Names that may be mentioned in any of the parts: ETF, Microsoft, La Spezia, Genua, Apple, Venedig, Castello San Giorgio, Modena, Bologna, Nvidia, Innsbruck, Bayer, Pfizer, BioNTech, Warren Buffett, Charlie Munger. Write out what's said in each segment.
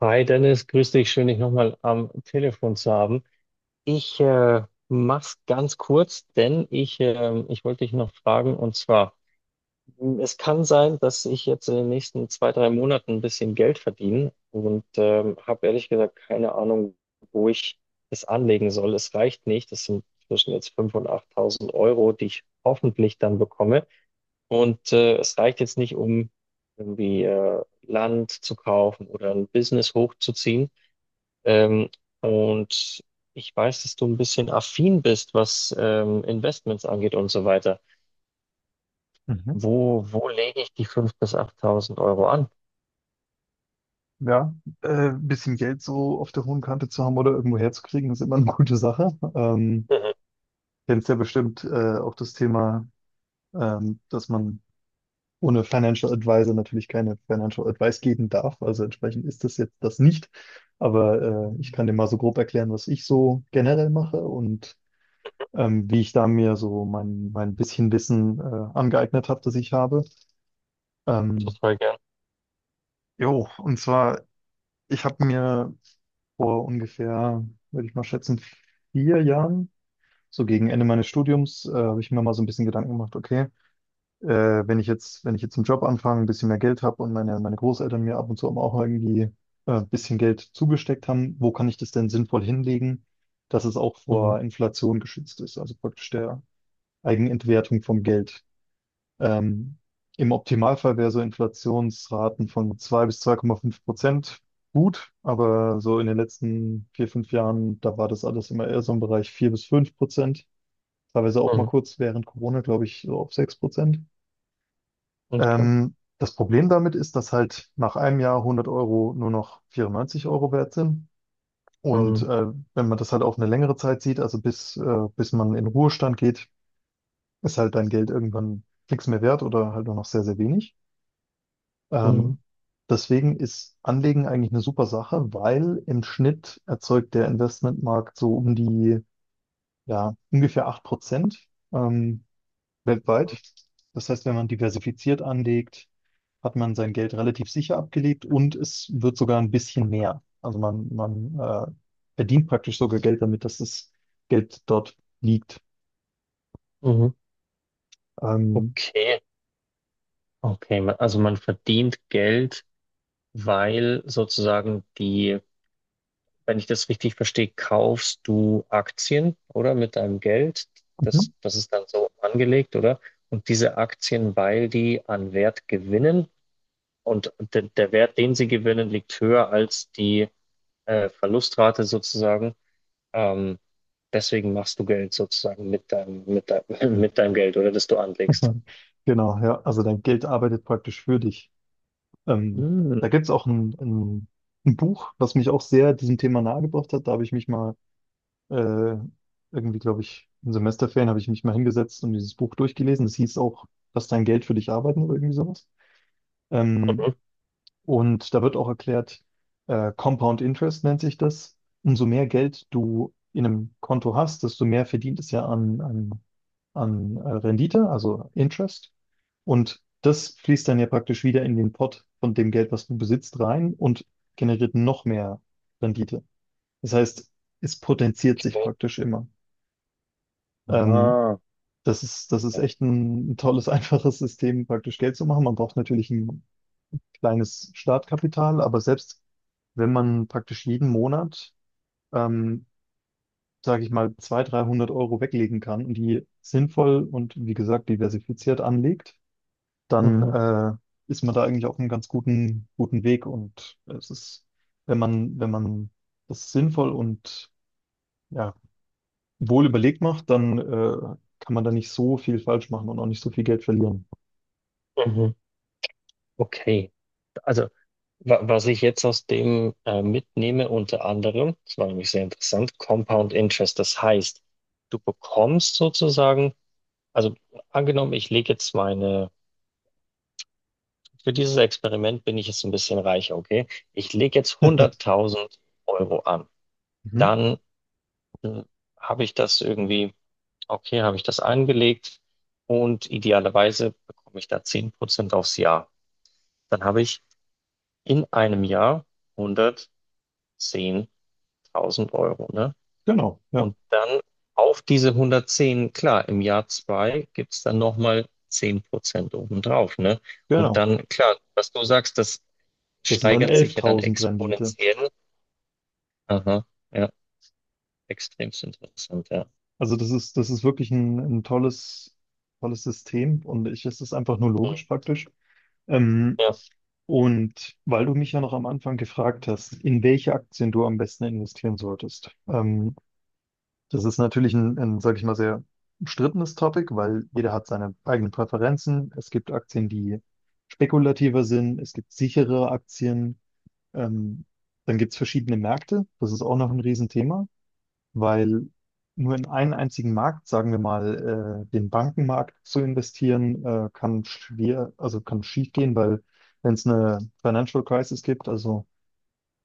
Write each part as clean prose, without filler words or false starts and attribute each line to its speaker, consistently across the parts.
Speaker 1: Hi Dennis, grüß dich. Schön, dich nochmal am Telefon zu haben. Ich mach's ganz kurz, denn ich wollte dich noch fragen, und zwar, es kann sein, dass ich jetzt in den nächsten zwei, drei Monaten ein bisschen Geld verdiene und habe ehrlich gesagt keine Ahnung, wo ich es anlegen soll. Es reicht nicht. Das sind zwischen jetzt 5.000 und 8.000 Euro, die ich hoffentlich dann bekomme. Und es reicht jetzt nicht, um irgendwie Land zu kaufen oder ein Business hochzuziehen, ähm, und ich weiß, dass du ein bisschen affin bist, was Investments angeht und so weiter.
Speaker 2: Mhm.
Speaker 1: Wo lege ich die 5.000 bis achttausend Euro an?
Speaker 2: Ja, bisschen Geld so auf der hohen Kante zu haben oder irgendwo herzukriegen, ist immer eine gute Sache.
Speaker 1: Mhm.
Speaker 2: Kennst ja bestimmt auch das Thema, dass man ohne Financial Advisor natürlich keine Financial Advice geben darf. Also entsprechend ist das jetzt das nicht. Aber ich kann dir mal so grob erklären, was ich so generell mache und wie ich da mir so mein bisschen Wissen angeeignet habe, das ich habe. Ähm,
Speaker 1: Total gern.
Speaker 2: jo, und zwar ich habe mir vor ungefähr, würde ich mal schätzen, 4 Jahren, so gegen Ende meines Studiums, habe ich mir mal so ein bisschen Gedanken gemacht. Okay, wenn ich jetzt, einen Job anfange, ein bisschen mehr Geld habe und meine Großeltern mir ab und zu auch irgendwie ein bisschen Geld zugesteckt haben, wo kann ich das denn sinnvoll hinlegen, dass es auch
Speaker 1: Mhm.
Speaker 2: vor Inflation geschützt ist, also praktisch der Eigenentwertung vom Geld. Ähm, im Optimalfall wäre so Inflationsraten von 2 bis 2,5% gut, aber so in den letzten 4, 5 Jahren, da war das alles immer eher so im Bereich 4 bis 5%, teilweise auch mal
Speaker 1: Mhm.
Speaker 2: kurz während Corona, glaube ich, so auf 6%.
Speaker 1: Okay.
Speaker 2: Das Problem damit ist, dass halt nach einem Jahr 100 Euro nur noch 94 Euro wert sind. Und
Speaker 1: Mhm.
Speaker 2: wenn man das halt auf eine längere Zeit sieht, also bis man in Ruhestand geht, ist halt dein Geld irgendwann nichts mehr wert oder halt nur noch sehr, sehr wenig.
Speaker 1: Mhm.
Speaker 2: Ähm, deswegen ist Anlegen eigentlich eine super Sache, weil im Schnitt erzeugt der Investmentmarkt so um die, ja, ungefähr 8% weltweit.
Speaker 1: Mhm.
Speaker 2: Das heißt, wenn man diversifiziert anlegt, hat man sein Geld relativ sicher abgelegt und es wird sogar ein bisschen mehr. Also man verdient praktisch sogar Geld damit, dass das Geld dort liegt.
Speaker 1: Mhm.
Speaker 2: Ähm,
Speaker 1: Okay. Okay, also man verdient Geld, weil sozusagen die, wenn ich das richtig verstehe, kaufst du Aktien, oder? Mit deinem Geld. Das,
Speaker 2: mhm.
Speaker 1: das ist dann so angelegt, oder? Und diese Aktien, weil die an Wert gewinnen und der Wert, den sie gewinnen, liegt höher als die Verlustrate sozusagen. Ähm, deswegen machst du Geld sozusagen mit deinem Geld, oder das du anlegst.
Speaker 2: Genau, ja. Also dein Geld arbeitet praktisch für dich. Ähm,
Speaker 1: Mm,
Speaker 2: da gibt es auch ein Buch, was mich auch sehr diesem Thema nahegebracht hat. Da habe ich mich mal äh, irgendwie, glaube ich, in Semesterferien habe ich mich mal hingesetzt und dieses Buch durchgelesen. Das hieß auch, dass dein Geld für dich arbeiten oder irgendwie sowas. Ähm,
Speaker 1: okay.
Speaker 2: und da wird auch erklärt, Compound Interest nennt sich das. Umso mehr Geld du in einem Konto hast, desto mehr verdient es ja an Rendite, also Interest. Und das fließt dann ja praktisch wieder in den Pot von dem Geld, was du besitzt, rein und generiert noch mehr Rendite. Das heißt, es potenziert sich praktisch immer. Ähm,
Speaker 1: Ah.
Speaker 2: das ist echt ein tolles, einfaches System, praktisch Geld zu machen. Man braucht natürlich ein kleines Startkapital, aber selbst wenn man praktisch jeden Monat, ähm, sage ich mal, 200, 300 Euro weglegen kann und die sinnvoll und wie gesagt diversifiziert anlegt, dann
Speaker 1: Mhm,
Speaker 2: ist man da eigentlich auf einem ganz guten, guten Weg. Und es ist, wenn man das sinnvoll und ja, wohl überlegt macht, dann kann man da nicht so viel falsch machen und auch nicht so viel Geld verlieren.
Speaker 1: mhm. Okay. Also was ich jetzt aus dem mitnehme, unter anderem, das war nämlich sehr interessant: Compound Interest. Das heißt, du bekommst sozusagen, also angenommen, ich lege jetzt für dieses Experiment bin ich jetzt ein bisschen reicher, okay? Ich lege jetzt 100.000 Euro an.
Speaker 2: Mhm.
Speaker 1: Dann äh, habe ich das irgendwie, okay, habe ich das angelegt und idealerweise bekomme ich da 10% aufs Jahr. Dann habe ich in einem Jahr 110.000 Euro, ne?
Speaker 2: Genau, ja,
Speaker 1: Und dann auf diese 110, klar, im Jahr 2 gibt es dann nochmal 10% obendrauf, ne? Und
Speaker 2: genau.
Speaker 1: dann, klar, was du sagst, das
Speaker 2: Das sind dann
Speaker 1: steigert sich ja dann
Speaker 2: 11.000 Rendite.
Speaker 1: exponentiell. Aha, ja, extremst interessant, ja.
Speaker 2: Also das ist wirklich ein tolles, tolles System und es ist einfach nur
Speaker 1: Mhm.
Speaker 2: logisch praktisch. Ähm,
Speaker 1: Ja.
Speaker 2: Und weil du mich ja noch am Anfang gefragt hast, in welche Aktien du am besten investieren solltest, das ist natürlich sag ich mal, sehr umstrittenes Topic, weil jeder hat seine eigenen Präferenzen. Es gibt Aktien, die spekulativer sind, es gibt sichere Aktien, ähm, dann gibt es verschiedene Märkte, das ist auch noch ein Riesenthema, weil nur in einen einzigen Markt, sagen wir mal, den Bankenmarkt zu investieren, kann schwer, also kann schief gehen, weil, wenn es eine Financial Crisis gibt, also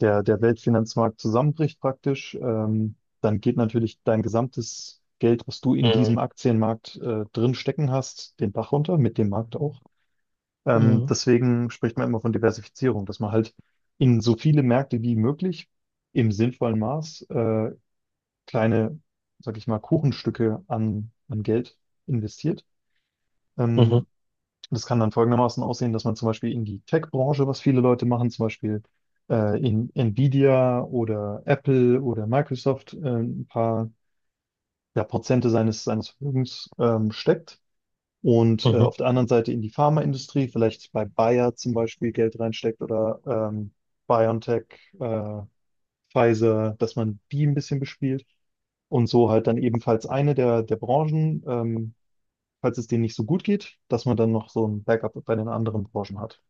Speaker 2: der Weltfinanzmarkt zusammenbricht praktisch, dann geht natürlich dein gesamtes Geld, was du in
Speaker 1: Mhm.
Speaker 2: diesem Aktienmarkt drin stecken hast, den Bach runter, mit dem Markt auch.
Speaker 1: Mhm.
Speaker 2: Deswegen spricht man immer von Diversifizierung, dass man halt in so viele Märkte wie möglich im sinnvollen Maß kleine, sag ich mal, Kuchenstücke an Geld investiert.
Speaker 1: Mhm.
Speaker 2: Ähm, das kann dann folgendermaßen aussehen, dass man zum Beispiel in die Tech-Branche, was viele Leute machen, zum Beispiel in Nvidia oder Apple oder Microsoft ein paar, ja, Prozente seines Vermögens steckt. Und
Speaker 1: Mhm.
Speaker 2: auf der anderen Seite in die Pharmaindustrie, vielleicht bei Bayer zum Beispiel Geld reinsteckt oder BioNTech, äh, Pfizer, dass man die ein bisschen bespielt. Und so halt dann ebenfalls eine der Branchen, falls es denen nicht so gut geht, dass man dann noch so ein Backup bei den anderen Branchen hat.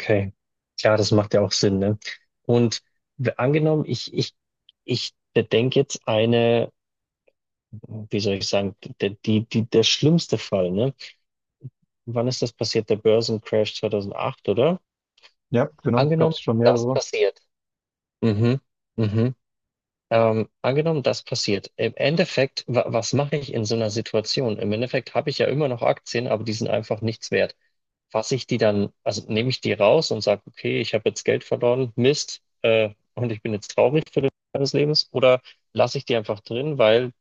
Speaker 1: Okay. Klar, das macht ja auch Sinn, ne? Und angenommen, ich bedenke jetzt eine, wie soll ich sagen, der schlimmste Fall, ne? Wann ist das passiert? Der Börsencrash 2008, oder?
Speaker 2: Ja, genau, gab
Speaker 1: Angenommen,
Speaker 2: es schon
Speaker 1: das
Speaker 2: mehrere.
Speaker 1: passiert. Mhm. Mhm. Angenommen, das passiert. Im Endeffekt, wa was mache ich in so einer Situation? Im Endeffekt habe ich ja immer noch Aktien, aber die sind einfach nichts wert. Fasse ich die dann, also nehme ich die raus und sage: okay, ich habe jetzt Geld verloren, Mist, und ich bin jetzt traurig für den Rest meines Lebens, oder lasse ich die einfach drin, weil,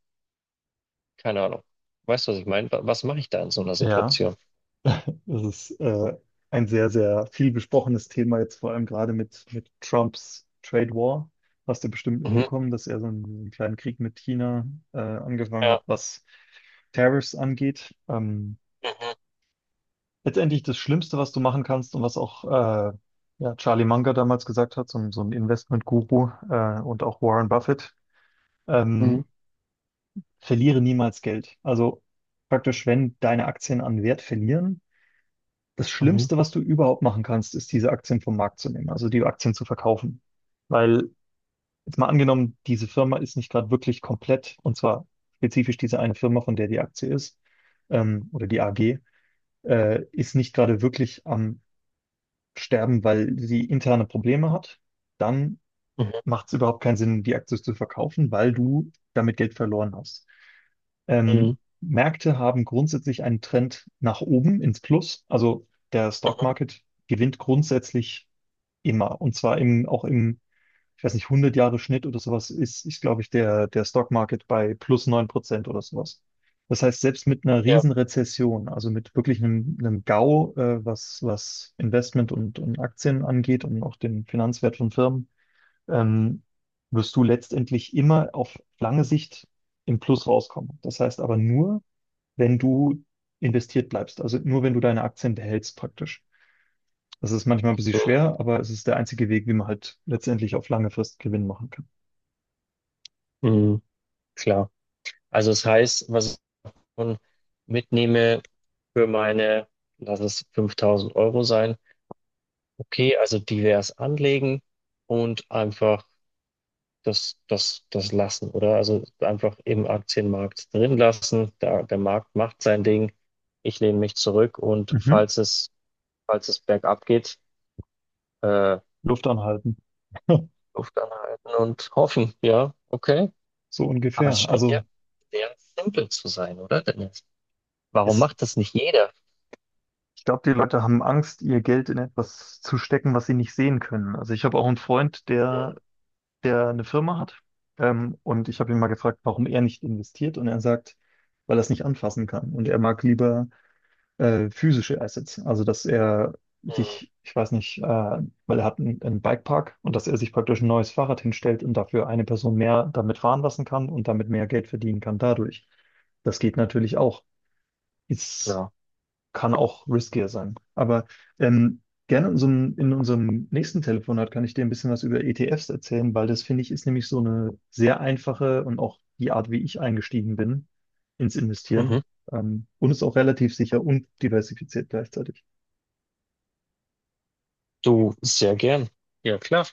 Speaker 1: keine Ahnung, weißt du, was ich meine? Wa was mache ich da in so einer
Speaker 2: Ja,
Speaker 1: Situation?
Speaker 2: das ist ein sehr, sehr viel besprochenes Thema jetzt, vor allem gerade mit Trumps Trade War. Hast du bestimmt
Speaker 1: Mhm.
Speaker 2: mitbekommen, dass er so einen kleinen Krieg mit China angefangen
Speaker 1: Ja.
Speaker 2: hat, was Tariffs angeht.
Speaker 1: Mhm.
Speaker 2: Letztendlich das Schlimmste, was du machen kannst und was auch ja, Charlie Munger damals gesagt hat, so, ein Investment-Guru und auch Warren Buffett,
Speaker 1: Mhm.
Speaker 2: ähm, verliere niemals Geld. Also praktisch, wenn deine Aktien an Wert verlieren, das
Speaker 1: Mhm.
Speaker 2: Schlimmste, was du überhaupt machen kannst, ist, diese Aktien vom Markt zu nehmen, also die Aktien zu verkaufen. Weil, jetzt mal angenommen, diese Firma ist nicht gerade wirklich komplett, und zwar spezifisch diese eine Firma, von der die Aktie ist, oder die AG, ist nicht gerade wirklich am Sterben, weil sie interne Probleme hat, dann
Speaker 1: Mhm.
Speaker 2: macht es überhaupt keinen Sinn, die Aktie zu verkaufen, weil du damit Geld verloren hast. Ähm,
Speaker 1: Mhm.
Speaker 2: Märkte haben grundsätzlich einen Trend nach oben ins Plus. Also der Stock
Speaker 1: Mhm.
Speaker 2: Market gewinnt grundsätzlich immer, und zwar im, auch im, ich weiß nicht, 100 Jahre Schnitt oder sowas, ist, glaube ich, der Stock Market bei plus 9% oder sowas. Das heißt, selbst mit einer
Speaker 1: Ja.
Speaker 2: Riesenrezession, also mit wirklich einem GAU, was Investment und Aktien angeht und auch den Finanzwert von Firmen, ähm, wirst du letztendlich immer auf lange Sicht im Plus rauskommen. Das heißt aber nur, wenn du investiert bleibst, also nur wenn du deine Aktien behältst praktisch. Das ist manchmal ein bisschen schwer, aber es ist der einzige Weg, wie man halt letztendlich auf lange Frist Gewinn machen kann.
Speaker 1: Mhm, klar. Also es heißt, was ich schon mitnehme für meine, lass es 5.000 Euro sein, okay, also divers anlegen und einfach das lassen, oder? Also einfach im Aktienmarkt drin lassen, da, der Markt macht sein Ding, ich lehne mich zurück und
Speaker 2: Mhm.
Speaker 1: falls es bergab geht, äh,
Speaker 2: Luft anhalten.
Speaker 1: Luft anhalten und hoffen, ja, okay.
Speaker 2: So
Speaker 1: Aber es
Speaker 2: ungefähr.
Speaker 1: scheint ja
Speaker 2: Also
Speaker 1: sehr simpel zu sein, oder? Warum
Speaker 2: es,
Speaker 1: macht das nicht jeder?
Speaker 2: ich glaube, die Leute haben Angst, ihr Geld in etwas zu stecken, was sie nicht sehen können. Also ich habe auch einen Freund, der, der eine Firma hat. Und ich habe ihn mal gefragt, warum er nicht investiert. Und er sagt, weil er es nicht anfassen kann. Und er mag lieber physische Assets. Also, dass er
Speaker 1: Mhm.
Speaker 2: sich, ich weiß nicht, weil er hat einen Bikepark und dass er sich praktisch ein neues Fahrrad hinstellt und dafür eine Person mehr damit fahren lassen kann und damit mehr Geld verdienen kann dadurch. Das geht natürlich auch. Ist
Speaker 1: Klar.
Speaker 2: kann auch riskier sein. Aber ähm, gerne in unserem, nächsten Telefonat kann ich dir ein bisschen was über ETFs erzählen, weil das finde ich ist nämlich so eine sehr einfache und auch die Art, wie ich eingestiegen bin ins Investieren.
Speaker 1: Mhm.
Speaker 2: Und ist auch relativ sicher und diversifiziert gleichzeitig.
Speaker 1: Du, sehr gern. Ja, klar.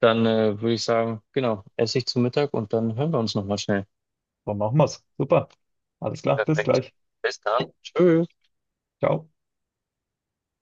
Speaker 1: Dann würde ich sagen, genau, esse ich zu Mittag und dann hören wir uns nochmal schnell.
Speaker 2: So machen wir's. Super. Alles klar. Bis
Speaker 1: Perfekt.
Speaker 2: gleich.
Speaker 1: Bis dann. Tschüss.
Speaker 2: Ciao.